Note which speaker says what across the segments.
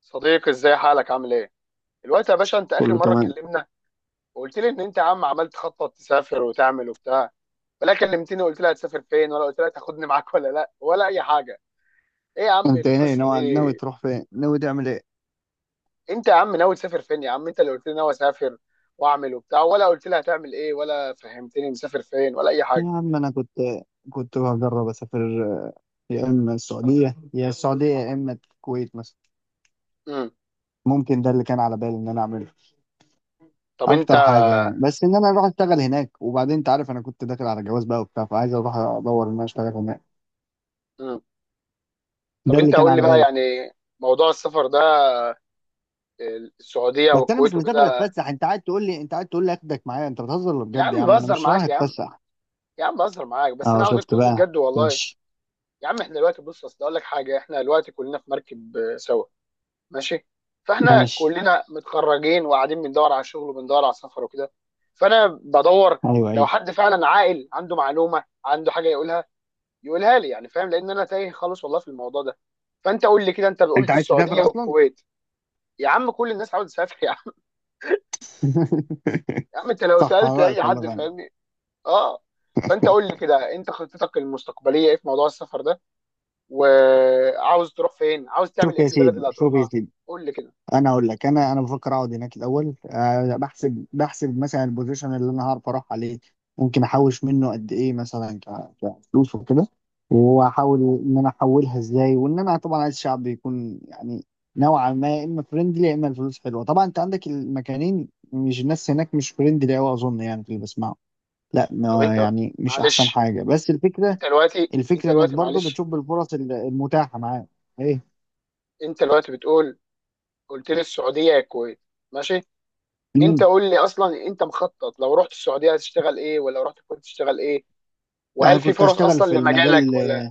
Speaker 1: صديقي ازاي حالك عامل ايه؟ دلوقتي يا باشا انت اخر
Speaker 2: كله
Speaker 1: مره
Speaker 2: تمام.
Speaker 1: اتكلمنا وقلت لي ان انت يا عم عمال تخطط تسافر وتعمل وبتاع ولا كلمتني وقلت لي هتسافر فين ولا قلت لي هتاخدني معاك ولا لا ولا اي حاجه. ايه يا عم
Speaker 2: انت ايه،
Speaker 1: القصه دي؟
Speaker 2: ناوي تروح فين، ناوي تعمل ايه؟
Speaker 1: انت يا عم ناوي تسافر فين يا عم؟ انت اللي قلت لي ناوي اسافر واعمل وبتاع، ولا قلت لي هتعمل ايه ولا فهمتني مسافر فين ولا اي حاجه.
Speaker 2: يا عم، انا كنت بجرب اسافر. يا اما السعوديه يا اما الكويت مثلا.
Speaker 1: امم
Speaker 2: ممكن ده اللي كان على بالي ان انا اعمله،
Speaker 1: طب انت
Speaker 2: اكتر حاجه يعني. بس ان انا اروح اشتغل هناك، وبعدين انت عارف انا كنت داخل على جواز بقى وبتاع، فعايز اروح ادور ان انا اشتغل هناك.
Speaker 1: امم طب
Speaker 2: ده اللي
Speaker 1: انت
Speaker 2: كان
Speaker 1: قول لي
Speaker 2: على
Speaker 1: بقى
Speaker 2: بالي.
Speaker 1: يعني موضوع السفر ده. آه، السعوديه
Speaker 2: بس انا مش
Speaker 1: والكويت
Speaker 2: مسافر
Speaker 1: وكده.
Speaker 2: اتفسح. انت قاعد تقول لي اخدك معايا؟ انت بتهزر ولا
Speaker 1: يا
Speaker 2: بجد؟ يا
Speaker 1: عم
Speaker 2: عم، انا
Speaker 1: بهزر
Speaker 2: مش رايح
Speaker 1: معاك يا عم،
Speaker 2: اتفسح.
Speaker 1: يا عم بهزر معاك، بس
Speaker 2: اه،
Speaker 1: انا عاوزك
Speaker 2: شفت
Speaker 1: تقول لي
Speaker 2: بقى.
Speaker 1: بجد والله.
Speaker 2: ماشي
Speaker 1: يا عم احنا دلوقتي، بص اصل اقول لك حاجه، احنا دلوقتي كلنا في مركب آه، سوا. ماشي. فاحنا
Speaker 2: ماشي.
Speaker 1: كلنا متخرجين وقاعدين بندور على شغل وبندور على سفر وكده، فانا بدور
Speaker 2: ايوه
Speaker 1: لو
Speaker 2: ايوه،
Speaker 1: حد فعلا عاقل عنده معلومه عنده حاجه يقولها، يقولها لي يعني، فاهم؟ لان انا تايه خالص والله في الموضوع ده. فانت قول لي كده، انت
Speaker 2: انت
Speaker 1: قلت
Speaker 2: عايز تسافر
Speaker 1: السعوديه
Speaker 2: اصلا؟
Speaker 1: والكويت. يا عم كل الناس عاوز تسافر يا عم، يا عم انت لو
Speaker 2: صح، على
Speaker 1: سالت اي
Speaker 2: رأيك والله
Speaker 1: حد
Speaker 2: فعلا.
Speaker 1: فاهمني. اه. فانت قول لي كده، انت خطتك المستقبليه ايه في موضوع السفر ده؟ وعاوز تروح فين؟ عاوز تعمل
Speaker 2: شوف
Speaker 1: ايه
Speaker 2: يا
Speaker 1: في البلد
Speaker 2: سيدي،
Speaker 1: اللي
Speaker 2: شوف يا
Speaker 1: هتروحها؟
Speaker 2: سيدي.
Speaker 1: قول لي كده.
Speaker 2: انا اقول لك، انا بفكر اقعد هناك الاول، بحسب مثلا البوزيشن اللي انا هعرف اروح عليه. ممكن احوش منه قد ايه، مثلا كفلوس وكده. واحاول ان انا احولها ازاي، وان انا طبعا عايز شعب يكون يعني نوعا ما يا اما فريندلي يا اما الفلوس حلوه. طبعا انت عندك المكانين. مش الناس هناك مش فريندلي قوي اظن، يعني في اللي بسمعه. لا،
Speaker 1: طب
Speaker 2: يعني مش احسن
Speaker 1: معلش
Speaker 2: حاجه، بس الفكره،
Speaker 1: انت دلوقتي انت
Speaker 2: الفكره انك
Speaker 1: دلوقتي
Speaker 2: برضو
Speaker 1: معلش
Speaker 2: بتشوف الفرص المتاحه معاك. ايه.
Speaker 1: انت دلوقتي بتقول قلت لي السعوديه يا الكويت. ماشي. انت
Speaker 2: مم.
Speaker 1: قول لي اصلا، انت مخطط لو رحت السعوديه هتشتغل ايه، ولا رحت الكويت تشتغل ايه؟
Speaker 2: انا
Speaker 1: وهل في
Speaker 2: كنت
Speaker 1: فرص
Speaker 2: اشتغل
Speaker 1: اصلا
Speaker 2: في
Speaker 1: لمجالك
Speaker 2: المجال.
Speaker 1: ولا؟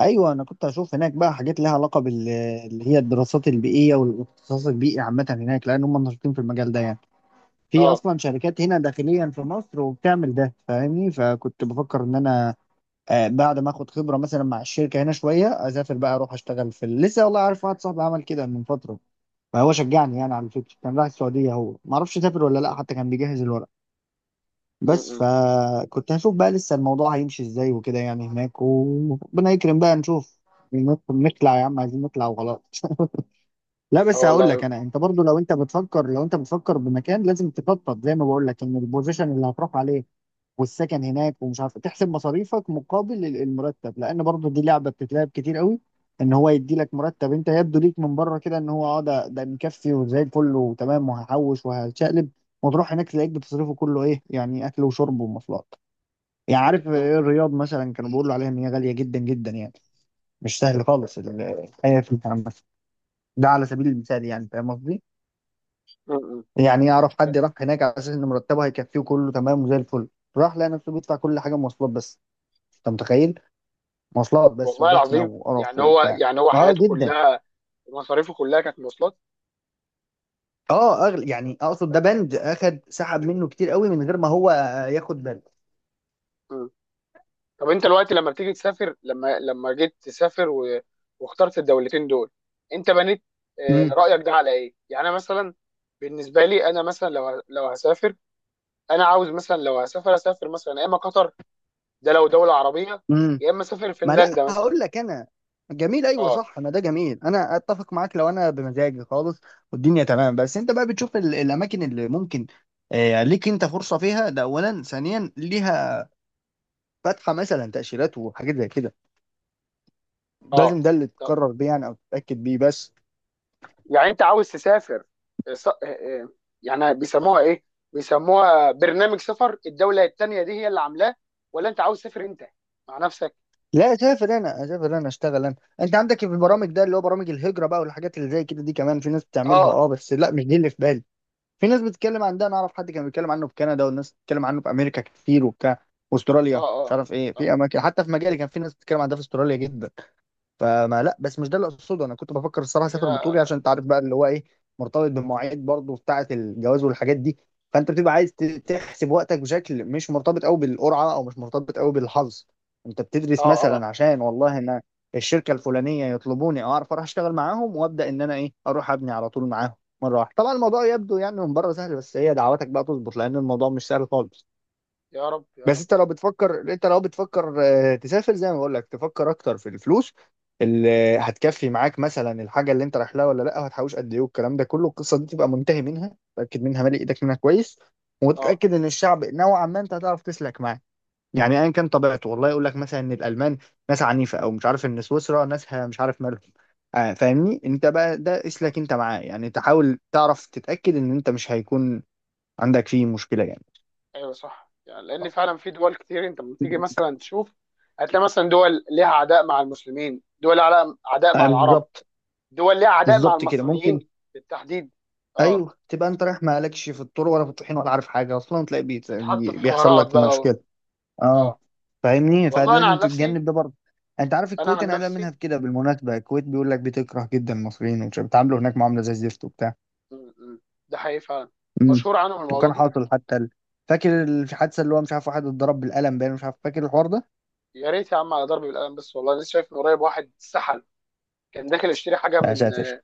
Speaker 2: ايوه، انا كنت اشوف هناك بقى حاجات لها علاقه اللي هي الدراسات البيئيه والاختصاص البيئي عامه هناك، لان هم نشيطين في المجال ده يعني. في
Speaker 1: اه.
Speaker 2: اصلا شركات هنا داخليا في مصر وبتعمل ده، فاهمني، فكنت بفكر ان انا بعد ما اخد خبره مثلا مع الشركه هنا شويه، اسافر بقى، اروح اشتغل في لسه والله عارف. واحد صاحبي عمل كده من فتره، فهو شجعني يعني. على فكره كان رايح السعوديه، هو ما اعرفش سافر ولا لا،
Speaker 1: م-
Speaker 2: حتى كان بيجهز الورق.
Speaker 1: م-
Speaker 2: بس
Speaker 1: م.
Speaker 2: فكنت هشوف بقى لسه الموضوع هيمشي ازاي وكده يعني هناك، وربنا يكرم بقى نشوف. نطلع يا عم، عايزين نطلع وخلاص. لا
Speaker 1: اه
Speaker 2: بس هقول لك
Speaker 1: والله.
Speaker 2: انا، انت برضو لو انت بتفكر بمكان لازم تخطط، زي ما بقول لك، ان البوزيشن اللي هتروح عليه والسكن هناك ومش عارف، تحسب مصاريفك مقابل المرتب، لان برضو دي لعبه بتتلعب كتير قوي. ان هو يدي لك مرتب انت يبدو ليك من بره كده ان هو ده مكفي وزي الفل وتمام، وهحوش وهشقلب، وتروح هناك تلاقيك بتصرفه كله، ايه يعني، اكل وشرب ومواصلات. يعني عارف
Speaker 1: م-
Speaker 2: إيه، الرياض مثلا كانوا بيقولوا عليها ان هي غاليه جدا جدا يعني. مش سهل خالص الحياه في، مثلا. ده على سبيل المثال يعني، فاهم قصدي؟
Speaker 1: م- م.
Speaker 2: يعني اعرف حد راح هناك على اساس ان مرتبه هيكفيه كله تمام وزي الفل، راح لقى نفسه بيدفع كل حاجه، مواصلات بس. انت متخيل؟ مواصلات بس،
Speaker 1: والله
Speaker 2: وزحمه
Speaker 1: العظيم.
Speaker 2: وقرف
Speaker 1: يعني هو،
Speaker 2: وبتاع.
Speaker 1: يعني هو
Speaker 2: اه،
Speaker 1: حياته
Speaker 2: جدا.
Speaker 1: كلها، مصاريفه كلها كانت مواصلات.
Speaker 2: اه، اغلى يعني اقصد، ده بند اخد سحب منه كتير قوي من غير ما هو ياخد باله.
Speaker 1: م. طب انت دلوقتي لما جيت تسافر و... واخترت الدولتين دول، انت بنيت آه، رأيك ده على ايه؟ يعني انا مثلا، بالنسبه لي انا مثلا لو لو هسافر، انا عاوز مثلا لو هسافر اسافر مثلا يا اما قطر، ده لو دولة عربية،
Speaker 2: امم.
Speaker 1: يا اما اسافر
Speaker 2: ما لا
Speaker 1: فنلندا مثلا.
Speaker 2: هقول لك انا. جميل، ايوه
Speaker 1: اه
Speaker 2: صح، ما ده جميل، انا اتفق معاك لو انا بمزاجي خالص والدنيا تمام. بس انت بقى بتشوف الاماكن اللي ممكن ليك انت فرصه فيها. ده اولا. ثانيا، ليها فاتحه مثلا تاشيرات وحاجات زي كده. لازم
Speaker 1: اه.
Speaker 2: ده اللي
Speaker 1: طب
Speaker 2: تقرر بيه يعني او تتاكد بيه بس.
Speaker 1: يعني انت عاوز تسافر آه، يعني بيسموها ايه، بيسموها برنامج سفر الدولة التانية دي هي اللي عاملاه، ولا انت عاوز تسافر انت مع نفسك؟
Speaker 2: لا، اسافر انا، اسافر انا، اشتغل انا. انت عندك في
Speaker 1: اه
Speaker 2: البرامج، ده اللي هو برامج الهجره بقى والحاجات اللي زي كده، دي كمان في ناس بتعملها،
Speaker 1: اه.
Speaker 2: اه، بس لا، مش دي اللي في بالي. في ناس بتتكلم عن ده. انا اعرف حد كان بيتكلم عنه في كندا، والناس بتتكلم عنه في امريكا كتير وبتاع،
Speaker 1: اه
Speaker 2: واستراليا. مش
Speaker 1: اه.
Speaker 2: عارف ايه، في
Speaker 1: آه.
Speaker 2: اماكن، حتى في مجالي كان في ناس بتتكلم عن ده في استراليا جدا. فما لا، بس مش ده اللي اقصده. انا كنت بفكر الصراحه اسافر
Speaker 1: يا.
Speaker 2: بطولي، عشان انت عارف بقى، اللي هو ايه، مرتبط بالمواعيد برضه بتاعه الجواز والحاجات دي. فانت بتبقى عايز
Speaker 1: مم.
Speaker 2: تحسب وقتك بشكل مش مرتبط قوي بالقرعه، او مش مرتبط قوي بالحظ. انت
Speaker 1: اه
Speaker 2: بتدرس
Speaker 1: اه.
Speaker 2: مثلا عشان والله ان الشركه الفلانيه يطلبوني، اعرف اروح اشتغل معاهم، وابدا ان انا ايه، اروح ابني على طول معاهم مره واحده. طبعا الموضوع يبدو يعني من بره سهل، بس هي دعواتك بقى تظبط، لان الموضوع مش سهل خالص.
Speaker 1: يا رب يا
Speaker 2: بس
Speaker 1: رب.
Speaker 2: انت لو بتفكر تسافر، زي ما بقول لك، تفكر اكتر في الفلوس اللي هتكفي معاك، مثلا الحاجه اللي انت رايح لها ولا لا، وهتحوش قد ايه، والكلام ده كله، القصه دي تبقى منتهي منها، تاكد منها، مالي ايدك منها كويس.
Speaker 1: اه
Speaker 2: وتتاكد ان الشعب نوعا ما انت هتعرف تسلك معاه، يعني ايا كان طبيعته. والله يقول لك مثلا ان الالمان ناس عنيفه، او مش عارف ان سويسرا ناسها مش عارف مالهم. فاهمني. انت بقى ده
Speaker 1: اه.
Speaker 2: اسلك انت معاه يعني، تحاول تعرف، تتاكد ان انت مش هيكون عندك فيه مشكله يعني.
Speaker 1: ايوه صح، يعني لان فعلا في دول كتير انت لما تيجي مثلا تشوف، هتلاقي مثلا دول ليها عداء مع المسلمين، دول لها عداء مع العرب،
Speaker 2: بالظبط.
Speaker 1: دول ليها عداء مع
Speaker 2: بالظبط كده ممكن.
Speaker 1: المصريين بالتحديد. اه.
Speaker 2: ايوه، تبقى انت رايح مالكش في الطرق ولا في الطحين ولا عارف حاجه اصلا، تلاقي بيت
Speaker 1: تتحط في
Speaker 2: بيحصل
Speaker 1: حوارات
Speaker 2: لك
Speaker 1: بقى و...
Speaker 2: مشكله. اه
Speaker 1: اه
Speaker 2: فاهمني،
Speaker 1: والله. انا عن
Speaker 2: فلازم
Speaker 1: نفسي،
Speaker 2: تتجنب ده برضه. انت عارف
Speaker 1: انا
Speaker 2: الكويت
Speaker 1: عن
Speaker 2: انا قلقان منها
Speaker 1: نفسي،
Speaker 2: في كده، بالمناسبه. الكويت بيقول لك بتكره جدا المصريين ومش بيتعاملوا هناك معامله زي الزفت وبتاع.
Speaker 1: مم، مم. ده حقيقي فعلا،
Speaker 2: امم.
Speaker 1: مشهور عنهم الموضوع
Speaker 2: وكان
Speaker 1: ده جدا.
Speaker 2: حاصل حتى فاكر الحادثه اللي هو مش عارف، واحد اتضرب بالقلم باين، مش عارف، فاكر الحوار ده؟
Speaker 1: يا ريت يا عم على ضرب بالقلم بس، والله لسه شايف من قريب واحد سحل، كان داخل يشتري حاجه
Speaker 2: يا
Speaker 1: من،
Speaker 2: ساتر.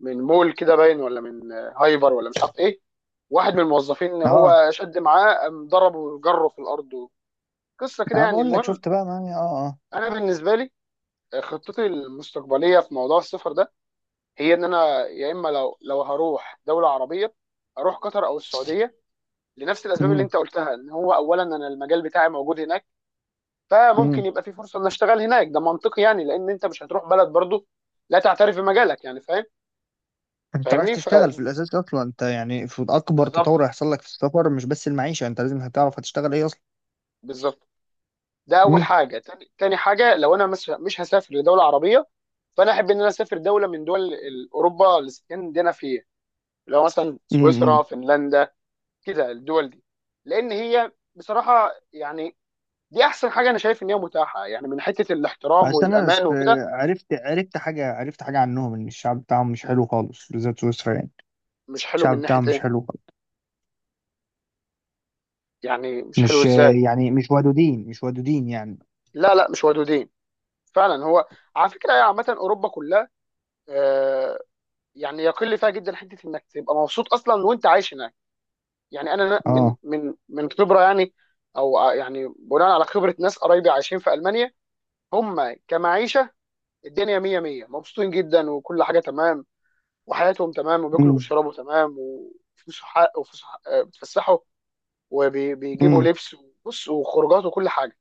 Speaker 1: من مول كده باين ولا من هايبر ولا مش عارف ايه، واحد من الموظفين ان
Speaker 2: اه،
Speaker 1: هو شد معاه قام ضربه وجره في الارض. قصه كده
Speaker 2: انا
Speaker 1: يعني،
Speaker 2: بقول لك،
Speaker 1: المهم
Speaker 2: شفت بقى معايا، اه اه.
Speaker 1: انا بالنسبه لي خطتي المستقبليه في موضوع السفر ده، هي ان انا يا اما لو هروح دوله عربيه اروح قطر او السعوديه لنفس الاسباب اللي انت قلتها، ان هو اولا انا المجال بتاعي موجود هناك، فممكن
Speaker 2: امم.
Speaker 1: يبقى في فرصه ان اشتغل هناك. ده منطقي يعني، لان انت مش هتروح بلد برضو لا تعترف بمجالك، يعني فاهم
Speaker 2: انت رايح
Speaker 1: فاهمني. ف
Speaker 2: تشتغل في الاساس اصلا انت يعني، في اكبر
Speaker 1: بالظبط،
Speaker 2: تطور هيحصل لك في السفر، مش بس المعيشه. انت لازم هتعرف هتشتغل ايه اصلا.
Speaker 1: بالظبط. ده اول
Speaker 2: امم
Speaker 1: حاجه. تاني, تاني حاجه، لو انا مش هسافر لدوله عربيه، فانا احب ان انا اسافر دوله من دول اوروبا الاسكندنافيه، اللي هو مثلا سويسرا،
Speaker 2: امم.
Speaker 1: فنلندا، كده الدول دي. لان هي بصراحه يعني، دي احسن حاجه انا شايف ان هي متاحه، يعني من حته الاحترام
Speaker 2: عشان انا
Speaker 1: والامان وكده.
Speaker 2: عرفت حاجه عنهم ان الشعب بتاعهم مش حلو خالص، بالذات سويسرا يعني.
Speaker 1: مش حلو من
Speaker 2: الشعب
Speaker 1: ناحيه
Speaker 2: بتاعهم مش
Speaker 1: ايه؟
Speaker 2: حلو خالص.
Speaker 1: يعني مش حلو
Speaker 2: مش
Speaker 1: ازاي؟
Speaker 2: يعني مش ودودين، مش ودودين يعني.
Speaker 1: لا لا مش ودودين فعلا. هو على فكره هي عامه اوروبا كلها، آه، يعني يقل فيها جدا حته انك تبقى مبسوط اصلا وانت عايش هناك. يعني انا من
Speaker 2: اه.
Speaker 1: من من خبره يعني، او يعني بناء على خبره ناس قرايبي عايشين في المانيا. هم كمعيشه الدنيا مية مية، مبسوطين جدا وكل حاجه تمام، وحياتهم تمام، وبياكلوا
Speaker 2: امم.
Speaker 1: وبيشربوا تمام، وفلوسهم حق، وفلوسهم حق آه، بيتفسحوا وبيجيبوا
Speaker 2: امم.
Speaker 1: لبس وبص وخروجات وكل حاجه.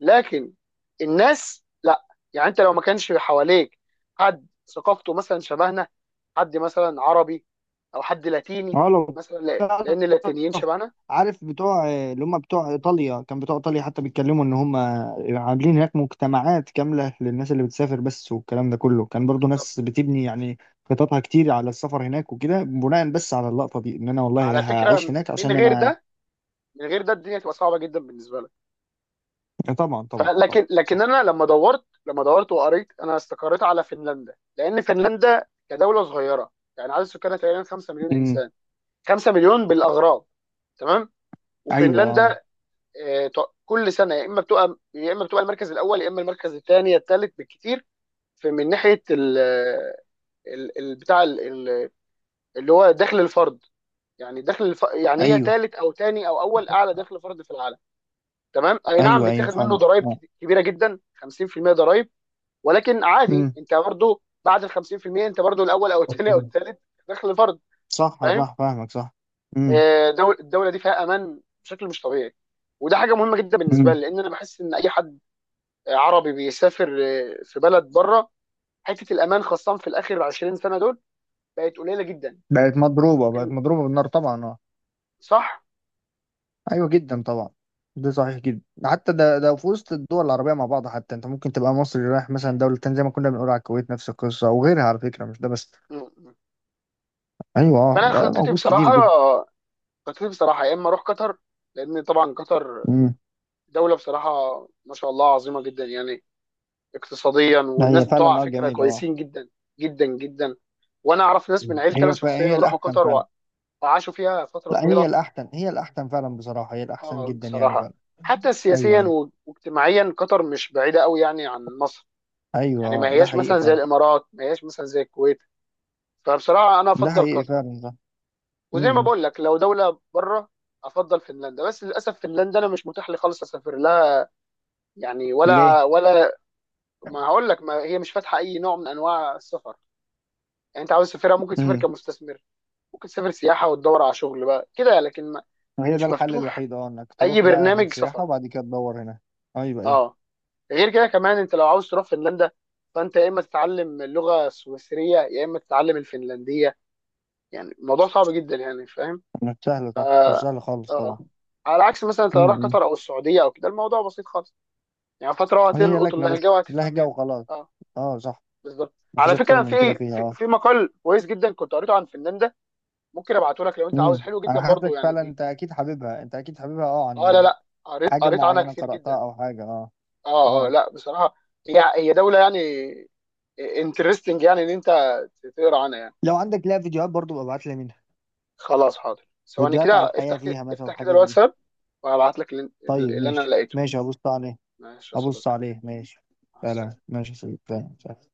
Speaker 1: لكن الناس لا. يعني انت لو ما كانش حواليك حد ثقافته مثلا شبهنا، حد مثلا عربي، او حد لاتيني
Speaker 2: اه. لو
Speaker 1: مثلا، لان اللاتينيين شبهنا.
Speaker 2: عارف بتوع اللي هم بتوع ايطاليا، كان بتوع ايطاليا حتى بيتكلموا ان هم عاملين هناك مجتمعات كامله للناس اللي بتسافر بس. والكلام ده كله كان برضو، ناس بتبني يعني خططها كتير على السفر هناك وكده، بناء بس على اللقطه دي ان انا والله
Speaker 1: على
Speaker 2: هعيش
Speaker 1: فكره
Speaker 2: هناك
Speaker 1: من
Speaker 2: عشان
Speaker 1: غير
Speaker 2: انا.
Speaker 1: ده، من غير ده الدنيا تبقى صعبه جدا بالنسبه لك.
Speaker 2: طبعا طبعا طبعا،
Speaker 1: فلكن، لكن
Speaker 2: صح.
Speaker 1: انا لما دورت، لما دورت وقريت، انا استقريت على فنلندا، لان فنلندا كدوله صغيره، يعني عدد سكانها تقريبا 5 مليون
Speaker 2: امم.
Speaker 1: انسان، 5 مليون بالاغراب. تمام.
Speaker 2: ايوه. آه.
Speaker 1: وفنلندا آه، كل سنه يا اما بتبقى، يا اما بتبقى المركز الاول، يا اما المركز الثاني الثالث بالكثير، في من ناحيه ال ال- بتاع ال- ال- اللي هو دخل الفرد. يعني دخل يعني هي
Speaker 2: ايوه
Speaker 1: ثالث او ثاني او اول اعلى دخل فرد في العالم. تمام. اي نعم
Speaker 2: ايوه ايوه،
Speaker 1: بيتاخد منه
Speaker 2: فاهمك،
Speaker 1: ضرائب
Speaker 2: اه.
Speaker 1: كبيره جدا، 50% ضرائب، ولكن عادي
Speaker 2: امم.
Speaker 1: انت برضو بعد ال 50% انت برضو الاول او الثاني او الثالث دخل فرد.
Speaker 2: صح
Speaker 1: فاهم.
Speaker 2: صح، فاهمك، صح. امم.
Speaker 1: آه، دول الدوله دي فيها امان بشكل مش طبيعي، وده حاجه مهمه جدا بالنسبه
Speaker 2: امم.
Speaker 1: لي، لان انا بحس ان اي حد عربي بيسافر آه، في بلد بره، حته الامان خاصه في الاخر 20 سنه دول بقت قليله جدا.
Speaker 2: بقت مضروبه بالنار طبعا، اه.
Speaker 1: صح.
Speaker 2: ايوه، جدا طبعا. ده صحيح جدا، حتى ده في وسط الدول العربيه مع بعض. حتى انت ممكن تبقى مصري رايح مثلا دوله تانية، زي ما كنا بنقول على الكويت، نفس القصه وغيرها على فكره، مش ده بس.
Speaker 1: م- م.
Speaker 2: ايوه،
Speaker 1: فانا
Speaker 2: ده
Speaker 1: خطتي
Speaker 2: موجود كتير
Speaker 1: بصراحه،
Speaker 2: جدا.
Speaker 1: خطتي بصراحه يا اما اروح قطر، لان طبعا قطر
Speaker 2: امم.
Speaker 1: دولة بصراحة ما شاء الله عظيمة جدا يعني، اقتصاديا، والناس
Speaker 2: هي
Speaker 1: بتوع على
Speaker 2: فعلا، اه،
Speaker 1: فكرة
Speaker 2: جميل، اه.
Speaker 1: كويسين جدا، جدا جدا. وانا اعرف ناس من عيلتي انا شخصيا
Speaker 2: هي
Speaker 1: راحوا
Speaker 2: الاحسن
Speaker 1: قطر
Speaker 2: فعلا.
Speaker 1: وعاشوا فيها فترة
Speaker 2: لا، هي
Speaker 1: طويلة.
Speaker 2: الاحسن، هي الاحسن فعلا بصراحه، هي الاحسن
Speaker 1: اه
Speaker 2: جدا يعني
Speaker 1: بصراحة،
Speaker 2: فعلا.
Speaker 1: حتى
Speaker 2: ايوه
Speaker 1: سياسيا
Speaker 2: ايوه
Speaker 1: واجتماعيا قطر مش بعيدة قوي يعني عن مصر.
Speaker 2: ايوه،
Speaker 1: يعني ما
Speaker 2: ده
Speaker 1: هياش
Speaker 2: حقيقي
Speaker 1: مثلا زي
Speaker 2: فعلا،
Speaker 1: الامارات، ما هياش مثلا زي الكويت. فبصراحة انا
Speaker 2: ده
Speaker 1: افضل
Speaker 2: حقيقي
Speaker 1: قطر.
Speaker 2: فعلا ده.
Speaker 1: وزي ما
Speaker 2: امم.
Speaker 1: بقول لك لو دولة بره، افضل فنلندا. بس للاسف فنلندا انا مش متاح لي خالص اسافر لها، يعني
Speaker 2: ليه؟
Speaker 1: ولا ولا. ما هقول لك، ما هي مش فاتحه اي نوع من انواع السفر. يعني انت عاوز تسافرها ممكن تسافر
Speaker 2: امم.
Speaker 1: كمستثمر، ممكن تسافر سياحه وتدور على شغل بقى كده، لكن ما
Speaker 2: هي ده
Speaker 1: مش
Speaker 2: الحل
Speaker 1: مفتوح
Speaker 2: الوحيد، اه، انك
Speaker 1: اي
Speaker 2: تروح بقى هناك
Speaker 1: برنامج
Speaker 2: سياحه
Speaker 1: سفر.
Speaker 2: وبعد كده تدور هنا. ايوه ايوه.
Speaker 1: اه. غير كده كمان، انت لو عاوز تروح فنلندا، فانت يا اما تتعلم اللغه السويسريه، يا اما تتعلم الفنلنديه. يعني الموضوع صعب جدا يعني، فاهم؟
Speaker 2: مش سهلة،
Speaker 1: ف
Speaker 2: صح، مش سهلة خالص طبعا.
Speaker 1: اه. على عكس مثلا انت لو رايح
Speaker 2: امم.
Speaker 1: قطر او السعوديه او كده، الموضوع بسيط خالص، يعني فتره
Speaker 2: هي
Speaker 1: وهتلقط
Speaker 2: لكنة
Speaker 1: اللهجه
Speaker 2: بس،
Speaker 1: وهتفهم
Speaker 2: لهجة
Speaker 1: يعني.
Speaker 2: وخلاص.
Speaker 1: اه.
Speaker 2: اه، صح.
Speaker 1: بالظبط.
Speaker 2: مفيش
Speaker 1: على
Speaker 2: أكتر
Speaker 1: فكره
Speaker 2: من كده
Speaker 1: في
Speaker 2: فيها،
Speaker 1: في,
Speaker 2: اه.
Speaker 1: في مقال كويس جدا كنت قريته عن فنان ده، ممكن ابعته لك لو انت عاوز،
Speaker 2: امم.
Speaker 1: حلو جدا
Speaker 2: أنا
Speaker 1: برضو
Speaker 2: حاسسك
Speaker 1: يعني
Speaker 2: فعلا، أنت أكيد حاببها، اه.
Speaker 1: اه لا
Speaker 2: عن
Speaker 1: لا، قريت
Speaker 2: حاجة
Speaker 1: قريت عنها
Speaker 2: معينة
Speaker 1: كتير جدا.
Speaker 2: قرأتها؟ أو حاجة، اه.
Speaker 1: اه اه
Speaker 2: اه،
Speaker 1: لا بصراحه، هي هي دوله يعني انترستنج يعني ان انت تقرا عنها يعني.
Speaker 2: لو عندك لها فيديوهات برضو، ببقى ابعت لي منها.
Speaker 1: خلاص حاضر ثواني، كده
Speaker 2: فيديوهات على الحياة
Speaker 1: افتح كده
Speaker 2: فيها مثلا،
Speaker 1: افتح كده
Speaker 2: الحاجات دي.
Speaker 1: الواتساب وهبعت لك اللي,
Speaker 2: طيب
Speaker 1: اللي انا
Speaker 2: ماشي
Speaker 1: لقيته.
Speaker 2: ماشي، هبص عليه.
Speaker 1: ماشي يا
Speaker 2: هبص
Speaker 1: صديقي.
Speaker 2: عليه، ماشي.
Speaker 1: مع السلامه.
Speaker 2: فعلا ماشي يا سيدي. فعلا فعلا.